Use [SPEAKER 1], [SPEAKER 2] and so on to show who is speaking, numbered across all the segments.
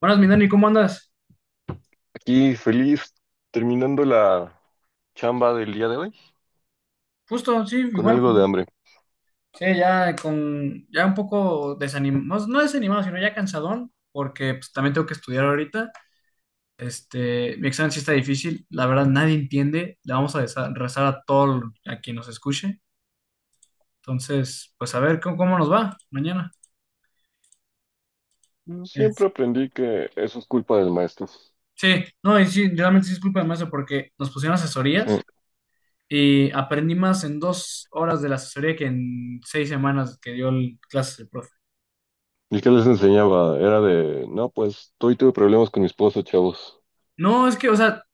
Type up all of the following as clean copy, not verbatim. [SPEAKER 1] Buenas, mi Dani, ¿cómo andas?
[SPEAKER 2] Y feliz terminando la chamba del día de hoy
[SPEAKER 1] Justo, sí,
[SPEAKER 2] con
[SPEAKER 1] igual.
[SPEAKER 2] algo de hambre.
[SPEAKER 1] Sí, ya con, ya un poco desanimado, no desanimado, sino ya cansadón, porque pues, también tengo que estudiar ahorita. Mi examen sí está difícil, la verdad nadie entiende, le vamos a rezar a todo a quien nos escuche. Entonces, pues a ver cómo nos va mañana. Es-
[SPEAKER 2] Siempre aprendí que eso es culpa del maestro.
[SPEAKER 1] sí, no, y sí, realmente sí es culpa del maestro porque nos pusieron asesorías
[SPEAKER 2] Mm.
[SPEAKER 1] y aprendí más en dos horas de la asesoría que en seis semanas que clases el profe.
[SPEAKER 2] ¿Y qué les enseñaba? Era de, no, pues hoy tuve problemas con mi esposo, chavos.
[SPEAKER 1] No, es que, o sea,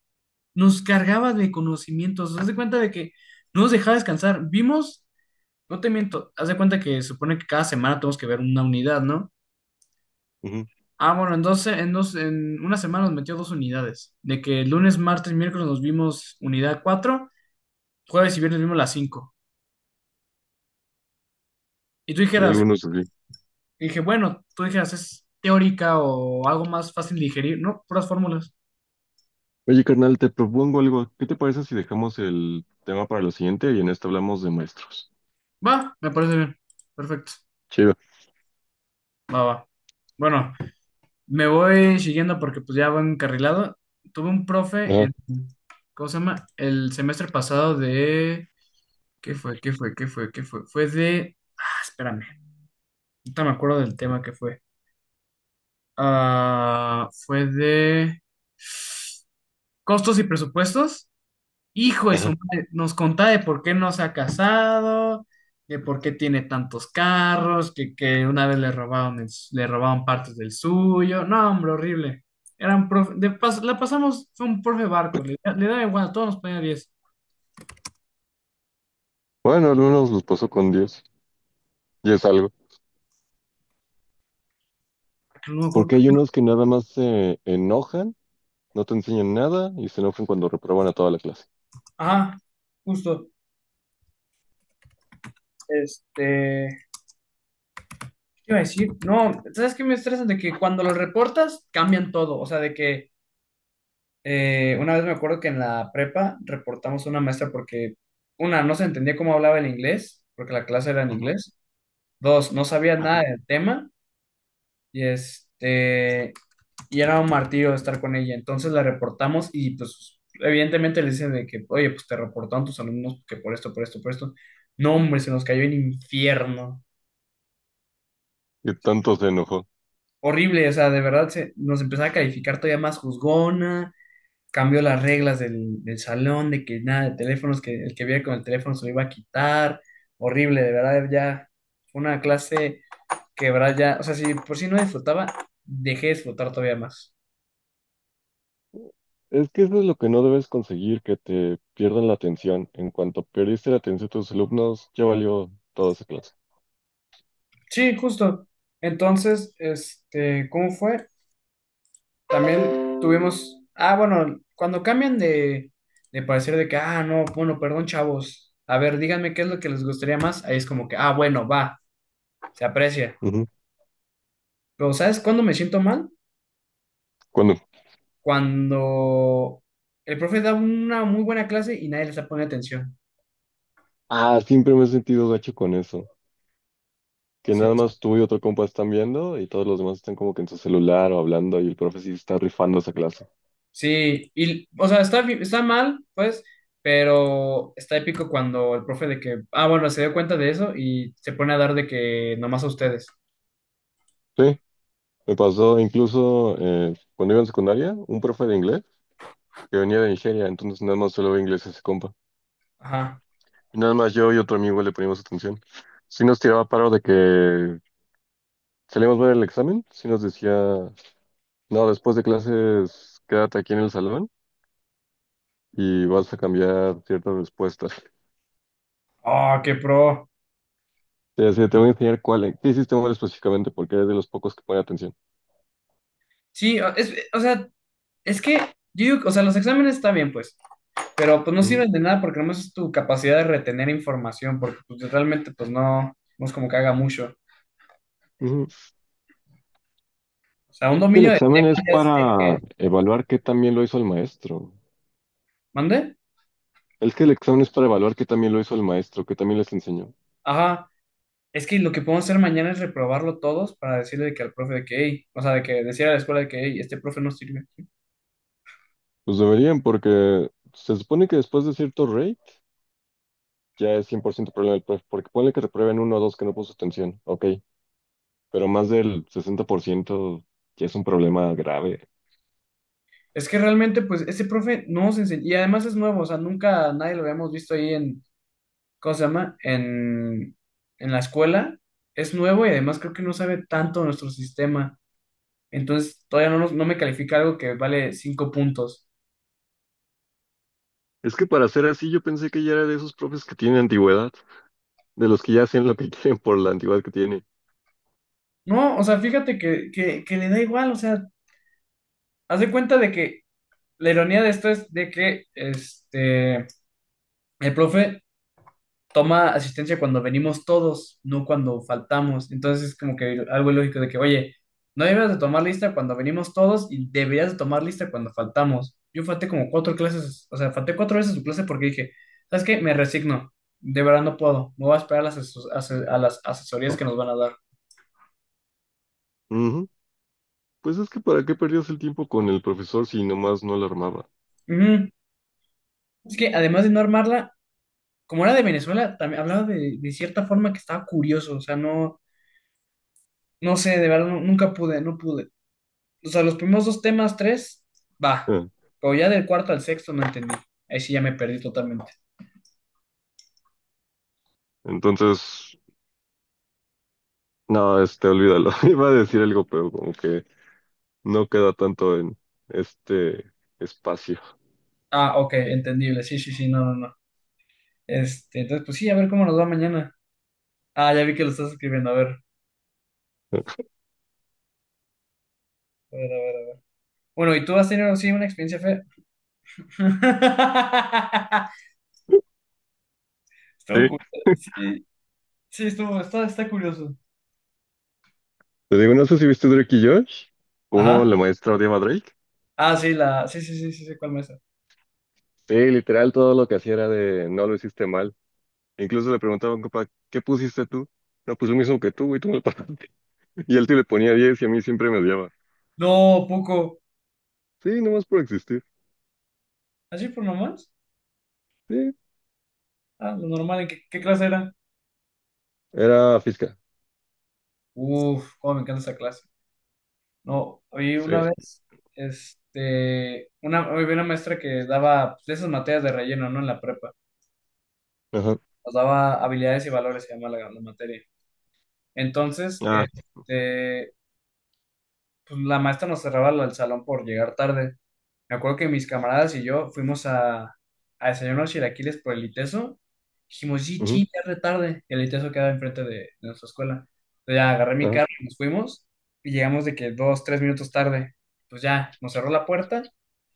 [SPEAKER 1] nos cargaba de conocimientos. Haz de cuenta de que no nos dejaba descansar. Vimos, no te miento, haz de cuenta que se supone que cada semana tenemos que ver una unidad, ¿no?
[SPEAKER 2] Ujú.
[SPEAKER 1] Ah, bueno, entonces en una semana nos metió dos unidades. De que lunes, martes, miércoles nos vimos unidad cuatro, jueves y viernes vimos la cinco. Y tú
[SPEAKER 2] Hay
[SPEAKER 1] dijeras,
[SPEAKER 2] algunos así.
[SPEAKER 1] dije, bueno, tú dijeras, es teórica o algo más fácil de digerir, ¿no? Puras fórmulas.
[SPEAKER 2] Oye, carnal, te propongo algo. ¿Qué te parece si dejamos el tema para lo siguiente y en este hablamos de maestros?
[SPEAKER 1] Va, me parece bien. Perfecto.
[SPEAKER 2] Chido.
[SPEAKER 1] Va, va. Bueno, me voy siguiendo porque pues ya voy encarrilado. Tuve un profe
[SPEAKER 2] Ajá,
[SPEAKER 1] en, ¿cómo se llama? El semestre pasado de, ¿qué fue? ¿Qué fue? ¿Qué fue? ¿Qué fue? Fue de, ah, espérame, ahorita me acuerdo del tema que fue. Ah, fue de costos y presupuestos. Hijo de su
[SPEAKER 2] ajá.
[SPEAKER 1] madre, nos contaba de por qué no se ha casado, de por qué tiene tantos carros, que una vez le robaron, le robaron partes del suyo. No, hombre, horrible. Era un profe, de la pasamos, fue un profe barco, le daba igual, a todos nos ponía 10.
[SPEAKER 2] Bueno, algunos los pasó con Dios y es algo.
[SPEAKER 1] No me acuerdo.
[SPEAKER 2] Porque hay unos que nada más se enojan, no te enseñan nada y se enojan cuando reprueban a toda la clase.
[SPEAKER 1] Ajá, justo. Este, ¿Qué iba a decir? No, ¿sabes qué me estresa? De que cuando lo reportas, cambian todo. O sea, de que una vez me acuerdo que en la prepa reportamos a una maestra porque, una, no se entendía cómo hablaba el inglés, porque la clase era en
[SPEAKER 2] Ujú.
[SPEAKER 1] inglés. Dos, no sabía nada del tema y este, y era un martirio estar con ella. Entonces la reportamos y pues evidentemente le dicen de que, oye, pues te reportaron tus alumnos que por esto, por esto, por esto. No, hombre, se nos cayó el infierno.
[SPEAKER 2] Que tanto se enojó.
[SPEAKER 1] Horrible, o sea, de verdad se, nos empezaba a calificar todavía más juzgona, cambió las reglas del salón, de que nada de teléfonos, que el que viera con el teléfono se lo iba a quitar. Horrible, de verdad, ya fue una clase que, de verdad, ya, o sea, si por si no disfrutaba, dejé de disfrutar todavía más.
[SPEAKER 2] Es que eso es lo que no debes conseguir, que te pierdan la atención. En cuanto perdiste la atención de tus alumnos, ya valió toda esa clase.
[SPEAKER 1] Sí, justo. Entonces, este, ¿cómo fue? También tuvimos, ah, bueno, cuando cambian de parecer de que, ah, no, bueno, perdón, chavos, a ver, díganme qué es lo que les gustaría más, ahí es como que, ah, bueno, va, se aprecia.
[SPEAKER 2] Ujú.
[SPEAKER 1] Pero, ¿sabes cuándo me siento mal?
[SPEAKER 2] Cuando,
[SPEAKER 1] Cuando el profe da una muy buena clase y nadie le está poniendo atención.
[SPEAKER 2] ah, siempre me he sentido gacho con eso. Que
[SPEAKER 1] Sí,
[SPEAKER 2] nada más tú y otro compa están viendo y todos los demás están como que en su celular o hablando y el profe sí está rifando esa clase.
[SPEAKER 1] sí, y, o sea, está, está mal, pues, pero está épico cuando el profe de que, ah, bueno, se dio cuenta de eso y se pone a dar de que nomás a ustedes.
[SPEAKER 2] Sí, me pasó incluso cuando iba en secundaria, un profe de inglés que venía de Nigeria, entonces nada más solo ve inglés ese compa.
[SPEAKER 1] Ajá.
[SPEAKER 2] Y nada más yo y otro amigo le poníamos atención. Sí nos tiraba paro de que salíamos ver el examen, sí nos decía, no, después de clases quédate aquí en el salón y vas a cambiar ciertas respuestas.
[SPEAKER 1] Oh, qué pro.
[SPEAKER 2] Te decía, "Sí, te voy a enseñar cuál, qué hiciste mal específicamente porque eres de los pocos que pone atención."
[SPEAKER 1] Sí, es, o sea, es que, yo digo, o sea, los exámenes están bien, pues, pero pues no
[SPEAKER 2] Ujú,
[SPEAKER 1] sirven de nada porque nomás es tu capacidad de retener información, porque pues, realmente, pues, no, no es como que haga mucho.
[SPEAKER 2] ujú.
[SPEAKER 1] O sea, un
[SPEAKER 2] El
[SPEAKER 1] dominio de
[SPEAKER 2] examen es
[SPEAKER 1] temas ya es... de que
[SPEAKER 2] para evaluar qué también lo hizo el maestro.
[SPEAKER 1] ¿Mande?
[SPEAKER 2] Es que el examen es para evaluar qué también lo hizo el maestro, que también les enseñó.
[SPEAKER 1] Ajá. Es que lo que podemos hacer mañana es reprobarlo todos para decirle de que al profe de que, hey, o sea, de que decir a la escuela de que, hey, este profe no sirve.
[SPEAKER 2] Pues deberían porque se supone que después de cierto rate ya es 100% problema del profe, porque ponle que reprueben uno o dos que no puso atención, ok, pero más del 60% ya es un problema grave.
[SPEAKER 1] Es que realmente, pues, este profe no nos enseñó, y además es nuevo, o sea, nunca nadie lo habíamos visto ahí en, ¿cómo se llama? En la escuela. Es nuevo y además creo que no sabe tanto nuestro sistema. Entonces, todavía no me califica algo que vale 5 puntos.
[SPEAKER 2] Es que para ser así yo pensé que ya era de esos profes que tienen antigüedad, de los que ya hacen lo que quieren por la antigüedad que tiene.
[SPEAKER 1] No, o sea, fíjate que le da igual, o sea, haz de cuenta de que la ironía de esto es de que, este... El profe toma asistencia cuando venimos todos, no cuando faltamos. Entonces es como que algo ilógico de que, oye, no deberías de tomar lista cuando venimos todos y deberías de tomar lista cuando faltamos. Yo falté como cuatro clases, o sea, falté cuatro veces su clase porque dije, ¿sabes qué? Me resigno, de verdad no puedo, me voy a esperar a a las asesorías que nos van a dar.
[SPEAKER 2] Ujú. Pues es que para qué perdías el tiempo con el profesor si nomás no lo armaba.
[SPEAKER 1] Ujú. Es que además de no armarla, como era de Venezuela, también hablaba de cierta forma que estaba curioso, o sea, no, no sé, de verdad nunca pude, no pude. O sea, los primeros dos temas, tres, va.
[SPEAKER 2] Ah,
[SPEAKER 1] Pero ya del cuarto al sexto no entendí. Ahí sí ya me perdí totalmente.
[SPEAKER 2] entonces, no, olvídalo. Iba a decir algo, pero como que no queda tanto en este espacio.
[SPEAKER 1] Ah, ok, entendible. Sí, sí, sí, no, no, no. Entonces, pues sí, a ver cómo nos va mañana. Ah, ya vi que lo estás escribiendo. A ver, a ver, a ver. A ver. Bueno, ¿y tú has tenido sí, una experiencia fea? Estuvo
[SPEAKER 2] Sí,
[SPEAKER 1] cu- Sí, sí, estuvo, está, está curioso.
[SPEAKER 2] te digo, no sé si viste Drake y Josh, cómo
[SPEAKER 1] Ajá.
[SPEAKER 2] la maestra odiaba a Drake.
[SPEAKER 1] Ah, sí, la, sí, sí, sí, sí, sí, ¿cuál mesa?
[SPEAKER 2] Sí, literal, todo lo que hacía era de no lo hiciste mal. Incluso le preguntaba a un compa, ¿qué pusiste tú? No, pues lo mismo que tú, güey, tú me lo pasaste. Y él sí le ponía 10 y a mí siempre me odiaba.
[SPEAKER 1] No, poco.
[SPEAKER 2] Sí, nomás por existir.
[SPEAKER 1] ¿Así por nomás?
[SPEAKER 2] Sí,
[SPEAKER 1] Ah, lo normal, ¿en qué, qué clase era?
[SPEAKER 2] era física.
[SPEAKER 1] Uf, cómo me encanta esa clase. No, oí
[SPEAKER 2] Sí,
[SPEAKER 1] una vez, este, una, había una maestra que daba pues, de esas materias de relleno, ¿no? En la prepa,
[SPEAKER 2] ajá,
[SPEAKER 1] nos daba habilidades y valores, se llama la materia. Entonces,
[SPEAKER 2] ah,
[SPEAKER 1] este, pues, la maestra nos cerraba el salón por llegar tarde. Me acuerdo que mis camaradas y yo fuimos a desayunar unos chilaquiles por el ITESO. Dijimos, sí,
[SPEAKER 2] ujú,
[SPEAKER 1] ching, ya es re tarde. El ITESO quedaba enfrente de nuestra escuela. Entonces ya agarré mi
[SPEAKER 2] ajá,
[SPEAKER 1] carro y nos fuimos. Y llegamos de que dos, tres minutos tarde. Pues ya, nos cerró la puerta.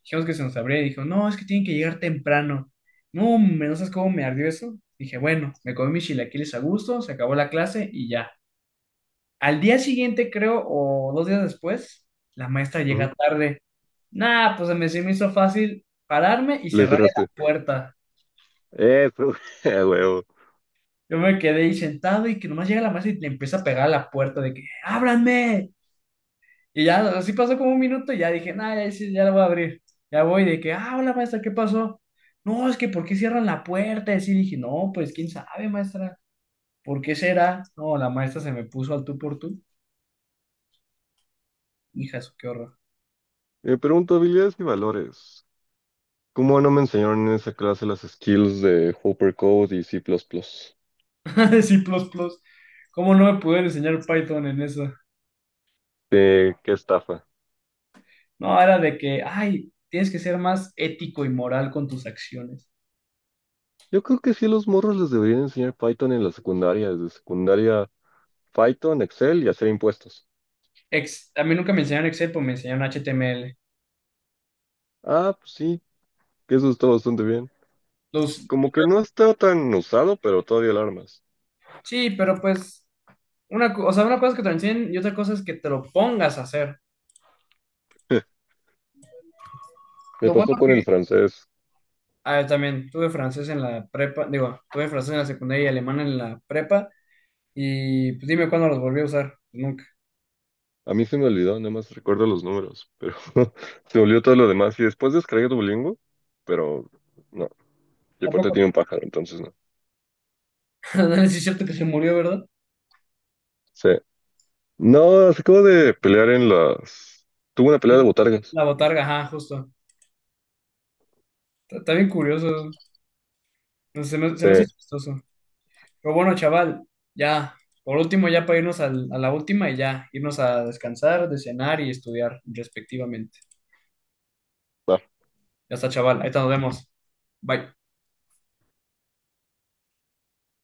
[SPEAKER 1] Dijimos que se nos abría y dijo, no, es que tienen que llegar temprano. No, hombre, no sabes cómo me ardió eso. Dije, bueno, me comí mis chilaquiles a gusto, se acabó la clase y ya. Al día siguiente, creo, o dos días después, la maestra
[SPEAKER 2] ujú.
[SPEAKER 1] llega tarde. Nah, pues se me hizo fácil pararme y
[SPEAKER 2] Le
[SPEAKER 1] cerrar
[SPEAKER 2] cerraste.
[SPEAKER 1] la puerta.
[SPEAKER 2] Eso, a huevo.
[SPEAKER 1] Yo me quedé ahí sentado y que nomás llega la maestra y le empieza a pegar a la puerta de que ¡ábranme! Y ya, así pasó como un minuto y ya dije, nah, ya, sí, ya la voy a abrir. Ya voy de que, ah, hola maestra, ¿qué pasó? No, es que ¿por qué cierran la puerta? Y así dije, no, pues quién sabe, maestra, ¿por qué será? No, la maestra se me puso al tú por tú. Hija, eso, qué horror.
[SPEAKER 2] Me pregunto habilidades y valores. ¿Cómo no me enseñaron en esa clase las skills de Hopper Code y C++?
[SPEAKER 1] Sí, plus, plus. ¿Cómo no me pudieron enseñar Python en eso?
[SPEAKER 2] ¿De qué estafa?
[SPEAKER 1] No, era de que, ay, tienes que ser más ético y moral con tus acciones.
[SPEAKER 2] Yo creo que sí a los morros les deberían enseñar Python en la secundaria, desde secundaria Python, Excel y hacer impuestos.
[SPEAKER 1] A mí nunca me enseñaron Excel, pues me enseñaron HTML.
[SPEAKER 2] Ah, pues sí, que eso está bastante bien.
[SPEAKER 1] Los,
[SPEAKER 2] Como que no está tan usado, pero todavía alarmas.
[SPEAKER 1] sí, pero pues, una, o sea, una cosa es que te lo enseñen y otra cosa es que te lo pongas a hacer.
[SPEAKER 2] Me
[SPEAKER 1] Lo bueno,
[SPEAKER 2] pasó con el francés.
[SPEAKER 1] ah, también tuve francés en la prepa, digo, tuve francés en la secundaria y alemán en la prepa, y pues dime cuándo los volví a usar. Nunca.
[SPEAKER 2] A mí se me olvidó, nada más recuerdo los números, pero se olvidó todo lo demás. Y después descargué Duolingo, pero no. Yo aparte
[SPEAKER 1] Tampoco.
[SPEAKER 2] tiene un pájaro, entonces no.
[SPEAKER 1] Es cierto que se murió, ¿verdad?
[SPEAKER 2] Sí. No, se acabó de pelear en las... Tuvo una pelea de
[SPEAKER 1] Sí.
[SPEAKER 2] botargas.
[SPEAKER 1] La botarga, ajá, justo. Está, está bien curioso. No, sé, se me hace
[SPEAKER 2] Sí.
[SPEAKER 1] chistoso. Pero bueno, chaval, ya. Por último, ya para irnos a la última y ya, irnos a descansar, de cenar y estudiar respectivamente. Ya está, chaval. Ahí te nos vemos. Bye.